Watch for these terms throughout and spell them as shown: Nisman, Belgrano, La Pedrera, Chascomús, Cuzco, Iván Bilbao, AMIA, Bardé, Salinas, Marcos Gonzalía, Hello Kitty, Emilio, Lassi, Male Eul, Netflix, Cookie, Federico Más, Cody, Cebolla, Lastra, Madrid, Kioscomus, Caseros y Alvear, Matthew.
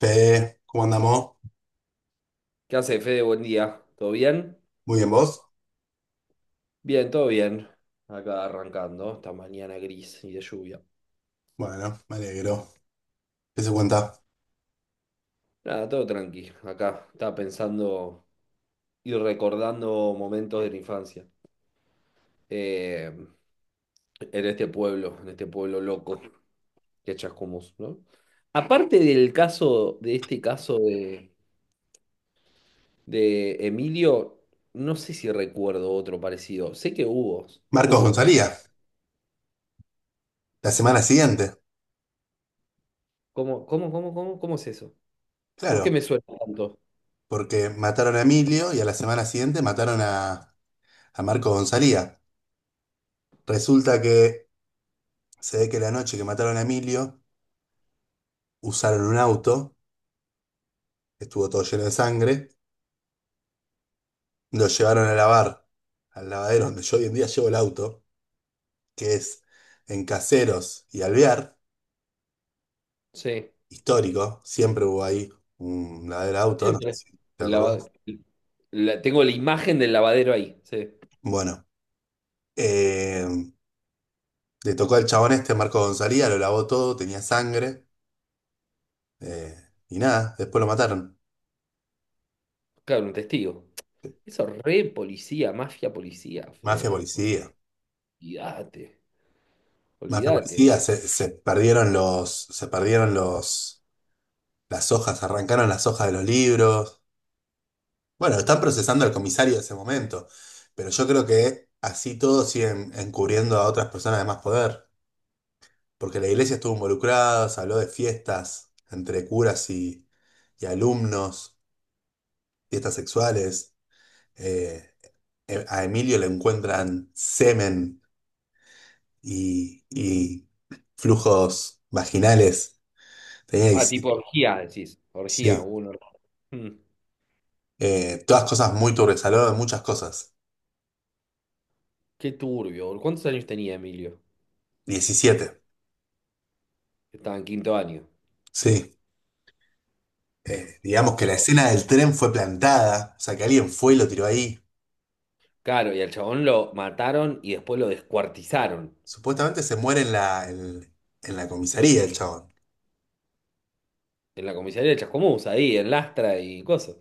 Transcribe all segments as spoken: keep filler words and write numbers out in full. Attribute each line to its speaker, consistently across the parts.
Speaker 1: Fe, ¿cómo andamos?
Speaker 2: ¿Qué hace, Fede? Buen día. ¿Todo bien?
Speaker 1: Muy bien, ¿vos?
Speaker 2: Bien, todo bien. Acá arrancando esta mañana gris y de lluvia.
Speaker 1: Bueno, me alegro. ¿Qué se cuenta?
Speaker 2: Nada, todo tranqui. Acá estaba pensando y recordando momentos de la infancia. Eh, en este pueblo, en este pueblo loco que es Chascomús, ¿no? Aparte del caso, de este caso de, de Emilio, no sé si recuerdo otro parecido. Sé que hubo,
Speaker 1: Marcos
Speaker 2: hubo.
Speaker 1: Gonzalía, la semana siguiente.
Speaker 2: ¿Cómo, cómo, cómo, cómo, cómo es eso? ¿Por
Speaker 1: Claro,
Speaker 2: qué me suena tanto?
Speaker 1: porque mataron a Emilio y a la semana siguiente mataron a, a Marcos Gonzalía. Resulta que se ve que la noche que mataron a Emilio usaron un auto, que estuvo todo lleno de sangre, lo llevaron a lavar al lavadero donde yo hoy en día llevo el auto, que es en Caseros y Alvear,
Speaker 2: Sí,
Speaker 1: histórico, siempre hubo ahí un lavadero de auto, no sé
Speaker 2: siempre.
Speaker 1: si te
Speaker 2: El
Speaker 1: acordás.
Speaker 2: lava- la- Tengo la imagen del lavadero ahí. Sí.
Speaker 1: Bueno, eh, le tocó al chabón este, Marco Gonzalía, lo lavó todo, tenía sangre, eh, y nada, después lo mataron.
Speaker 2: Claro, un testigo. Eso re policía, mafia policía,
Speaker 1: Mafia
Speaker 2: Fede.
Speaker 1: policía.
Speaker 2: Olvídate,
Speaker 1: Mafia
Speaker 2: olvídate.
Speaker 1: policía, se, se perdieron los, se perdieron los, las hojas, arrancaron las hojas de los libros. Bueno, están procesando al comisario de ese momento, pero yo creo que así todos siguen encubriendo a otras personas de más poder, porque la iglesia estuvo involucrada, se habló de fiestas entre curas y, y alumnos, fiestas sexuales. eh, eh, a Emilio le encuentran semen y, y flujos vaginales. Tenía
Speaker 2: Ah, tipo
Speaker 1: diecisiete.
Speaker 2: orgía, decís. Orgía,
Speaker 1: Sí,
Speaker 2: uno. Mm,
Speaker 1: eh, todas cosas muy turbias, hablaba de muchas cosas.
Speaker 2: qué turbio, boludo. ¿Cuántos años tenía Emilio?
Speaker 1: Diecisiete.
Speaker 2: Estaba en quinto año.
Speaker 1: Sí. Eh, digamos que la
Speaker 2: Oh.
Speaker 1: escena del tren fue plantada, o sea que alguien fue y lo tiró ahí.
Speaker 2: Claro, y al chabón lo mataron y después lo descuartizaron
Speaker 1: Supuestamente se muere en la, en, en la comisaría el chabón.
Speaker 2: en la comisaría de Chascomús, ahí, en Lastra y cosas.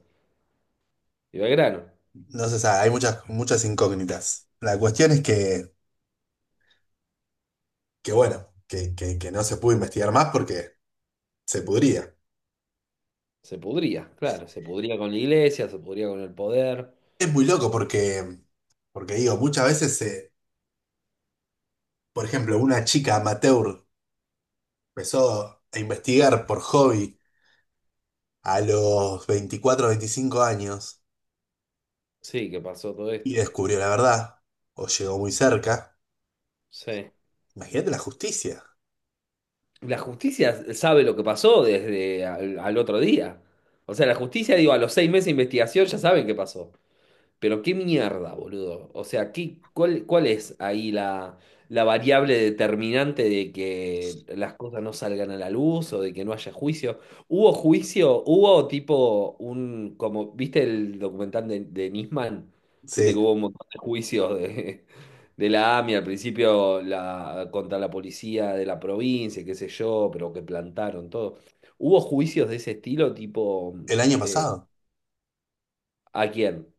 Speaker 2: Y Belgrano.
Speaker 1: No se sabe, hay muchas, muchas incógnitas. La cuestión es que, que bueno, que, que que no se pudo investigar más porque se pudría.
Speaker 2: Se pudría, claro, se pudría con la iglesia, se pudría con el poder.
Speaker 1: Es muy loco porque, porque digo, muchas veces, eh, por ejemplo, una chica amateur empezó a investigar por hobby a los veinticuatro veinticinco años
Speaker 2: Sí, que pasó todo
Speaker 1: y
Speaker 2: esto.
Speaker 1: descubrió la verdad, o llegó muy cerca.
Speaker 2: Sí.
Speaker 1: Imagínate la justicia.
Speaker 2: La justicia sabe lo que pasó desde al, al otro día. O sea, la justicia, digo, a los seis meses de investigación ya saben qué pasó. Pero qué mierda, boludo. O sea, ¿qué, cuál, cuál es ahí la, la variable determinante de que las cosas no salgan a la luz o de que no haya juicio? ¿Hubo juicio? ¿Hubo tipo un, como, viste el documental de, de Nisman? Viste
Speaker 1: Sí,
Speaker 2: que hubo un montón de juicios de, de la A M I A al principio la, contra la policía de la provincia, qué sé yo, pero que plantaron todo. ¿Hubo juicios de ese estilo tipo
Speaker 1: el año pasado,
Speaker 2: a quién?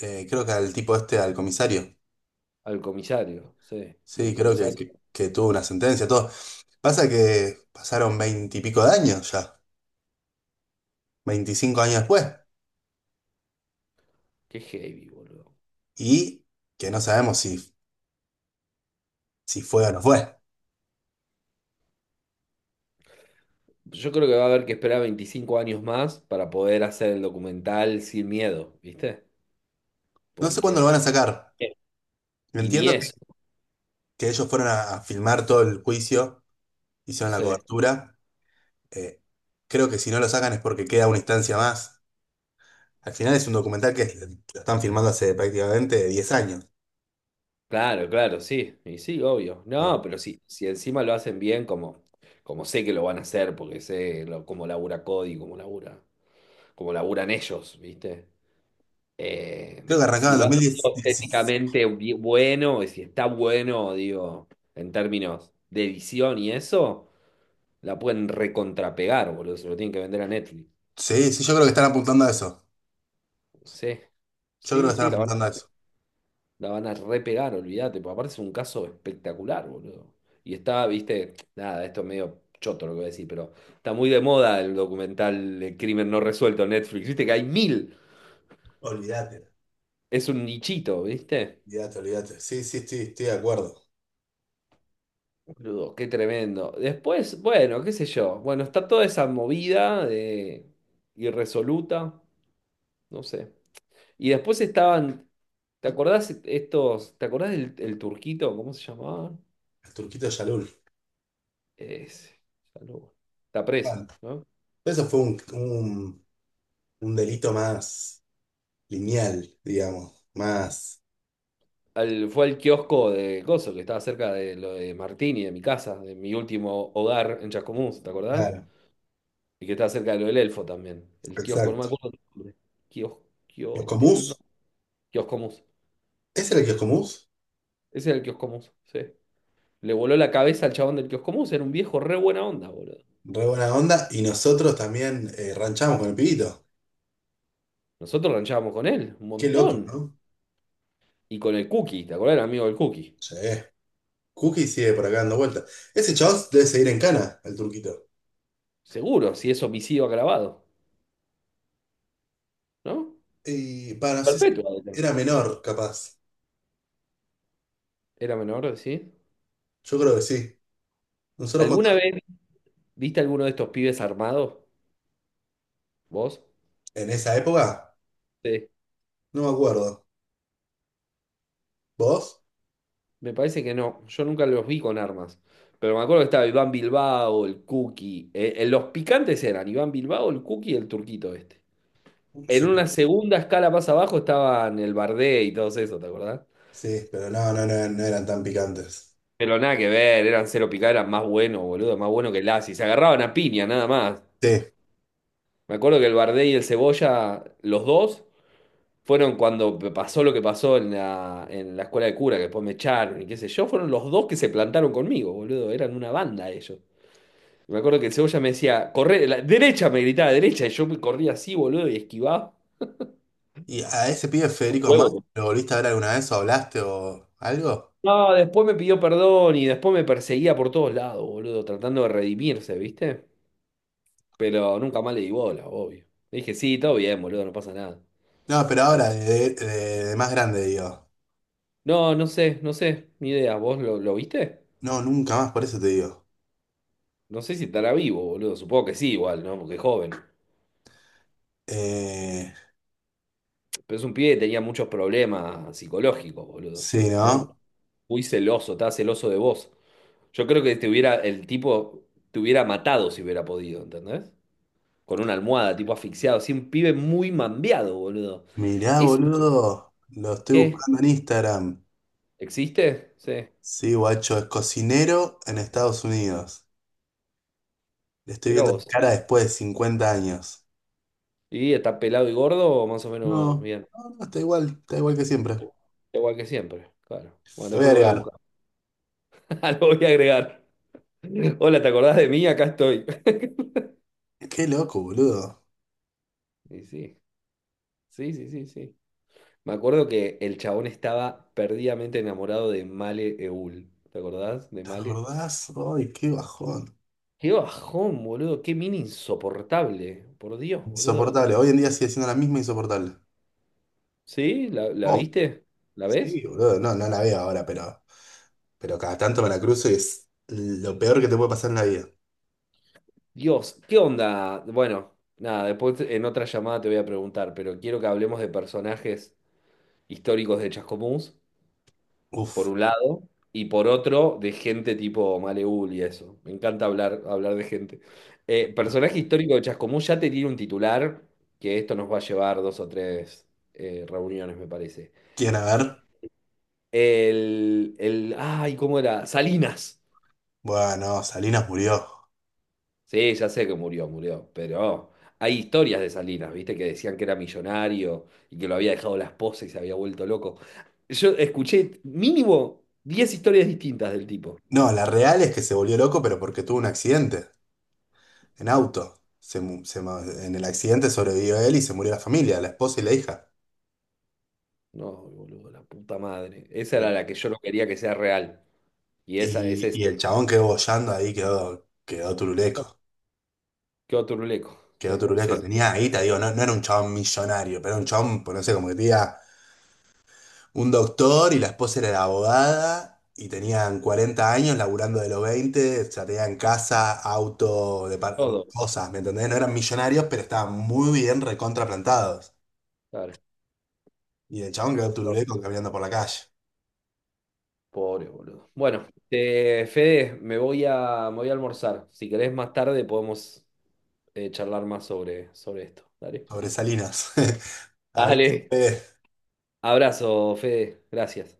Speaker 1: eh, creo que al tipo este, al comisario,
Speaker 2: Al comisario, sí. Y
Speaker 1: sí,
Speaker 2: el
Speaker 1: creo que,
Speaker 2: comisario.
Speaker 1: que, que tuvo una sentencia, todo. Pasa que pasaron veinte y pico de años ya, veinticinco años después,
Speaker 2: Qué heavy, boludo.
Speaker 1: y que no sabemos si, si fue o no fue.
Speaker 2: Yo creo que va a haber que esperar veinticinco años más para poder hacer el documental sin miedo, ¿viste?
Speaker 1: No sé cuándo lo van
Speaker 2: Porque...
Speaker 1: a sacar.
Speaker 2: Sí.
Speaker 1: Yo
Speaker 2: Y ni
Speaker 1: entiendo que,
Speaker 2: eso,
Speaker 1: que ellos fueron a, a filmar todo el juicio, hicieron la
Speaker 2: sí.
Speaker 1: cobertura. Eh, creo que si no lo sacan es porque queda una instancia más. Al final es un documental que es- lo están filmando hace prácticamente diez años.
Speaker 2: Claro, claro, sí. Y sí, obvio.
Speaker 1: Eh,
Speaker 2: No, pero sí, si encima lo hacen bien, como, como sé que lo van a hacer, porque sé lo, cómo labura Cody, cómo labura, cómo laburan ellos, ¿viste? Eh,
Speaker 1: Creo que arrancaba
Speaker 2: si
Speaker 1: en
Speaker 2: lo hacen
Speaker 1: dos mil diez.
Speaker 2: estéticamente bi- bueno, y si está bueno, digo, en términos de edición y eso. La pueden recontrapegar, boludo. Se lo tienen que vender a Netflix.
Speaker 1: Sí, sí, yo creo que están apuntando a eso.
Speaker 2: Sí.
Speaker 1: Yo creo que
Speaker 2: Sí, sí,
Speaker 1: están
Speaker 2: la van,
Speaker 1: apuntando a eso.
Speaker 2: la van a repegar, olvídate. Porque aparte es un caso espectacular, boludo. Y está, viste, nada, esto es medio choto lo que voy a decir, pero está muy de moda el documental El crimen no resuelto en Netflix. Viste que hay mil.
Speaker 1: Olvídate,
Speaker 2: Es un nichito, ¿viste?
Speaker 1: olvídate, olvídate. Sí, sí, sí, estoy de acuerdo.
Speaker 2: Boludo, qué tremendo. Después, bueno, qué sé yo. Bueno, está toda esa movida de irresoluta. No sé. Y después estaban, ¿te acordás estos, te acordás del el turquito? ¿Cómo se llamaba?
Speaker 1: El turquito Yalul.
Speaker 2: Ese, ya no- está preso,
Speaker 1: Bueno,
Speaker 2: ¿no?
Speaker 1: eso fue un, un un delito más lineal, digamos. Más.
Speaker 2: Al- fue al kiosco de Coso, que estaba cerca de lo de Martini, de mi casa, de mi último hogar en Chascomús, ¿te acordás?
Speaker 1: Claro.
Speaker 2: Y que estaba cerca de lo del Elfo también. El kiosco, no me
Speaker 1: Exacto.
Speaker 2: acuerdo el nombre. Kios,
Speaker 1: Los
Speaker 2: kios, tenía un
Speaker 1: Comus,
Speaker 2: nombre. Kioscomus.
Speaker 1: ese era el que es Comus,
Speaker 2: Ese era el Kioscomus, sí. Le voló la cabeza al chabón del Kioscomus, era un viejo re buena onda, boludo.
Speaker 1: re buena onda, y nosotros también eh, ranchamos con el pibito.
Speaker 2: Nosotros ranchábamos con él, un
Speaker 1: Qué loco,
Speaker 2: montón.
Speaker 1: ¿no?
Speaker 2: Y con el Cookie, ¿te acordás del amigo del Cookie?
Speaker 1: Sí. Cookie sigue por acá dando vueltas. Ese chabón debe seguir en cana, el turquito.
Speaker 2: Seguro, si es homicidio agravado, ¿no?
Speaker 1: Y para, no sé si
Speaker 2: Perpetua debe
Speaker 1: era
Speaker 2: ser.
Speaker 1: menor, capaz.
Speaker 2: Era menor, ¿sí?
Speaker 1: Yo creo que sí. Nosotros
Speaker 2: ¿Alguna
Speaker 1: cuando,
Speaker 2: vez viste alguno de estos pibes armados? ¿Vos?
Speaker 1: en esa época,
Speaker 2: Sí.
Speaker 1: no me acuerdo. ¿Vos?
Speaker 2: Me parece que no. Yo nunca los vi con armas. Pero me acuerdo que estaba Iván Bilbao, el Cookie. Eh, eh, los picantes eran Iván Bilbao, el Cookie y el turquito este. En
Speaker 1: Sí,
Speaker 2: una segunda escala más abajo estaban el Bardé y todos esos, ¿te acordás?
Speaker 1: sí, pero no, no, no, no eran tan picantes.
Speaker 2: Pero nada que ver, eran cero picadas, eran más buenos, boludo, más buenos que Lassi. Se agarraban a piña, nada más.
Speaker 1: Sí.
Speaker 2: Me acuerdo que el Bardé y el Cebolla, los dos, fueron cuando pasó lo que pasó en la, en la escuela de cura, que después me echaron y qué sé yo, fueron los dos que se plantaron conmigo, boludo, eran una banda ellos. Y me acuerdo que el Cebolla me decía, corre, la derecha, me gritaba derecha, y yo me corría así, boludo, y esquivaba.
Speaker 1: ¿Y a ese pibe Federico
Speaker 2: Huevo.
Speaker 1: Más,
Speaker 2: Te-
Speaker 1: lo volviste a ver alguna vez o hablaste o algo?
Speaker 2: No, después me pidió perdón y después me perseguía por todos lados, boludo, tratando de redimirse, ¿viste? Pero nunca más le di bola, obvio. Le dije, sí, todo bien, boludo, no pasa nada.
Speaker 1: No, pero
Speaker 2: Ya
Speaker 1: ahora,
Speaker 2: fue.
Speaker 1: de, de- de más grande, digo.
Speaker 2: No, no sé, no sé, ni idea, ¿vos lo, lo viste?
Speaker 1: No, nunca más, por eso te digo.
Speaker 2: No sé si estará vivo, boludo. Supongo que sí, igual, ¿no? Porque es joven.
Speaker 1: Eh,
Speaker 2: Pero es un pibe que tenía muchos problemas psicológicos, boludo.
Speaker 1: sí,
Speaker 2: Muy,
Speaker 1: ¿no?
Speaker 2: muy celoso, estaba celoso de vos. Yo creo que te hubiera, el tipo te hubiera matado si hubiera podido, ¿entendés? Con una almohada, tipo asfixiado. Sí, un pibe muy mambiado, boludo.
Speaker 1: Mirá,
Speaker 2: ¿Eso es lo
Speaker 1: boludo, lo estoy
Speaker 2: que
Speaker 1: buscando en Instagram.
Speaker 2: existe? Sí,
Speaker 1: Sí, guacho, es cocinero en Estados Unidos. Le estoy
Speaker 2: mirá
Speaker 1: viendo la
Speaker 2: vos.
Speaker 1: cara después de cincuenta años.
Speaker 2: ¿Y está pelado y gordo? Más o menos
Speaker 1: No,
Speaker 2: bien.
Speaker 1: no, no, está igual, está igual que siempre.
Speaker 2: Igual que siempre, claro. Bueno,
Speaker 1: Lo voy a
Speaker 2: después lo voy a
Speaker 1: agregar.
Speaker 2: buscar. Lo voy a agregar. Hola, ¿te acordás de mí? Acá estoy.
Speaker 1: Qué loco, boludo.
Speaker 2: Y sí. Sí, sí, sí, sí. Me acuerdo que el chabón estaba perdidamente enamorado de Male Eul. ¿Te acordás de
Speaker 1: ¿Te
Speaker 2: Male?
Speaker 1: acordás? Ay, qué bajón.
Speaker 2: Qué bajón, boludo. Qué mina insoportable. Por Dios, boludo.
Speaker 1: Insoportable. Hoy en día sigue siendo la misma insoportable.
Speaker 2: ¿Sí? ¿La, la
Speaker 1: Oh,
Speaker 2: viste? ¿La
Speaker 1: sí,
Speaker 2: ves?
Speaker 1: boludo, no, no la veo ahora, pero... Pero cada tanto me la cruzo y es lo peor que te puede pasar en la vida.
Speaker 2: Dios, ¿qué onda? Bueno, nada, después en otra llamada te voy a preguntar, pero quiero que hablemos de personajes históricos de Chascomús, por
Speaker 1: Uf,
Speaker 2: un lado, y por otro, de gente tipo Maleul y eso. Me encanta hablar, hablar de gente. Eh, personaje histórico de Chascomús ya te tiene un titular, que esto nos va a llevar dos o tres eh, reuniones, me parece.
Speaker 1: ¿quién a ver?
Speaker 2: El, el, ay, ¿cómo era? Salinas.
Speaker 1: Bueno, Salinas murió.
Speaker 2: Sí, ya sé que murió, murió, pero hay historias de Salinas, ¿viste? Que decían que era millonario y que lo había dejado la esposa y se había vuelto loco. Yo escuché mínimo diez historias distintas del tipo.
Speaker 1: No, la real es que se volvió loco, pero porque tuvo un accidente en auto. Se mu- se ma- En el accidente sobrevivió él y se murió la familia, la esposa y la hija.
Speaker 2: No, boludo, la puta madre. Esa era
Speaker 1: Sí.
Speaker 2: la que yo no quería que sea real. Y esa es
Speaker 1: Y,
Speaker 2: esa.
Speaker 1: y el chabón quedó boyando ahí, quedó, quedó turuleco.
Speaker 2: Quedó turuleco.
Speaker 1: Quedó
Speaker 2: Sí, se
Speaker 1: turuleco.
Speaker 2: le-
Speaker 1: Tenía ahí, te digo, no, no era un chabón millonario, pero era un chabón, pues no sé, como que tenía un doctor y la esposa era abogada y tenían cuarenta años laburando de los veinte ya tenían casa, auto, depar-
Speaker 2: todo.
Speaker 1: cosas, ¿me entendés? No
Speaker 2: Sí,
Speaker 1: eran millonarios, pero estaban muy bien recontraplantados.
Speaker 2: claro.
Speaker 1: Y el chabón quedó turuleco caminando por la calle,
Speaker 2: Pobre, boludo. Bueno, eh, Fede, me voy a, me voy a almorzar. Si querés más tarde podemos eh, charlar más sobre, sobre esto. Dale.
Speaker 1: sobre Salinas.
Speaker 2: Dale.
Speaker 1: Abrazo.
Speaker 2: Abrazo, Fede. Gracias.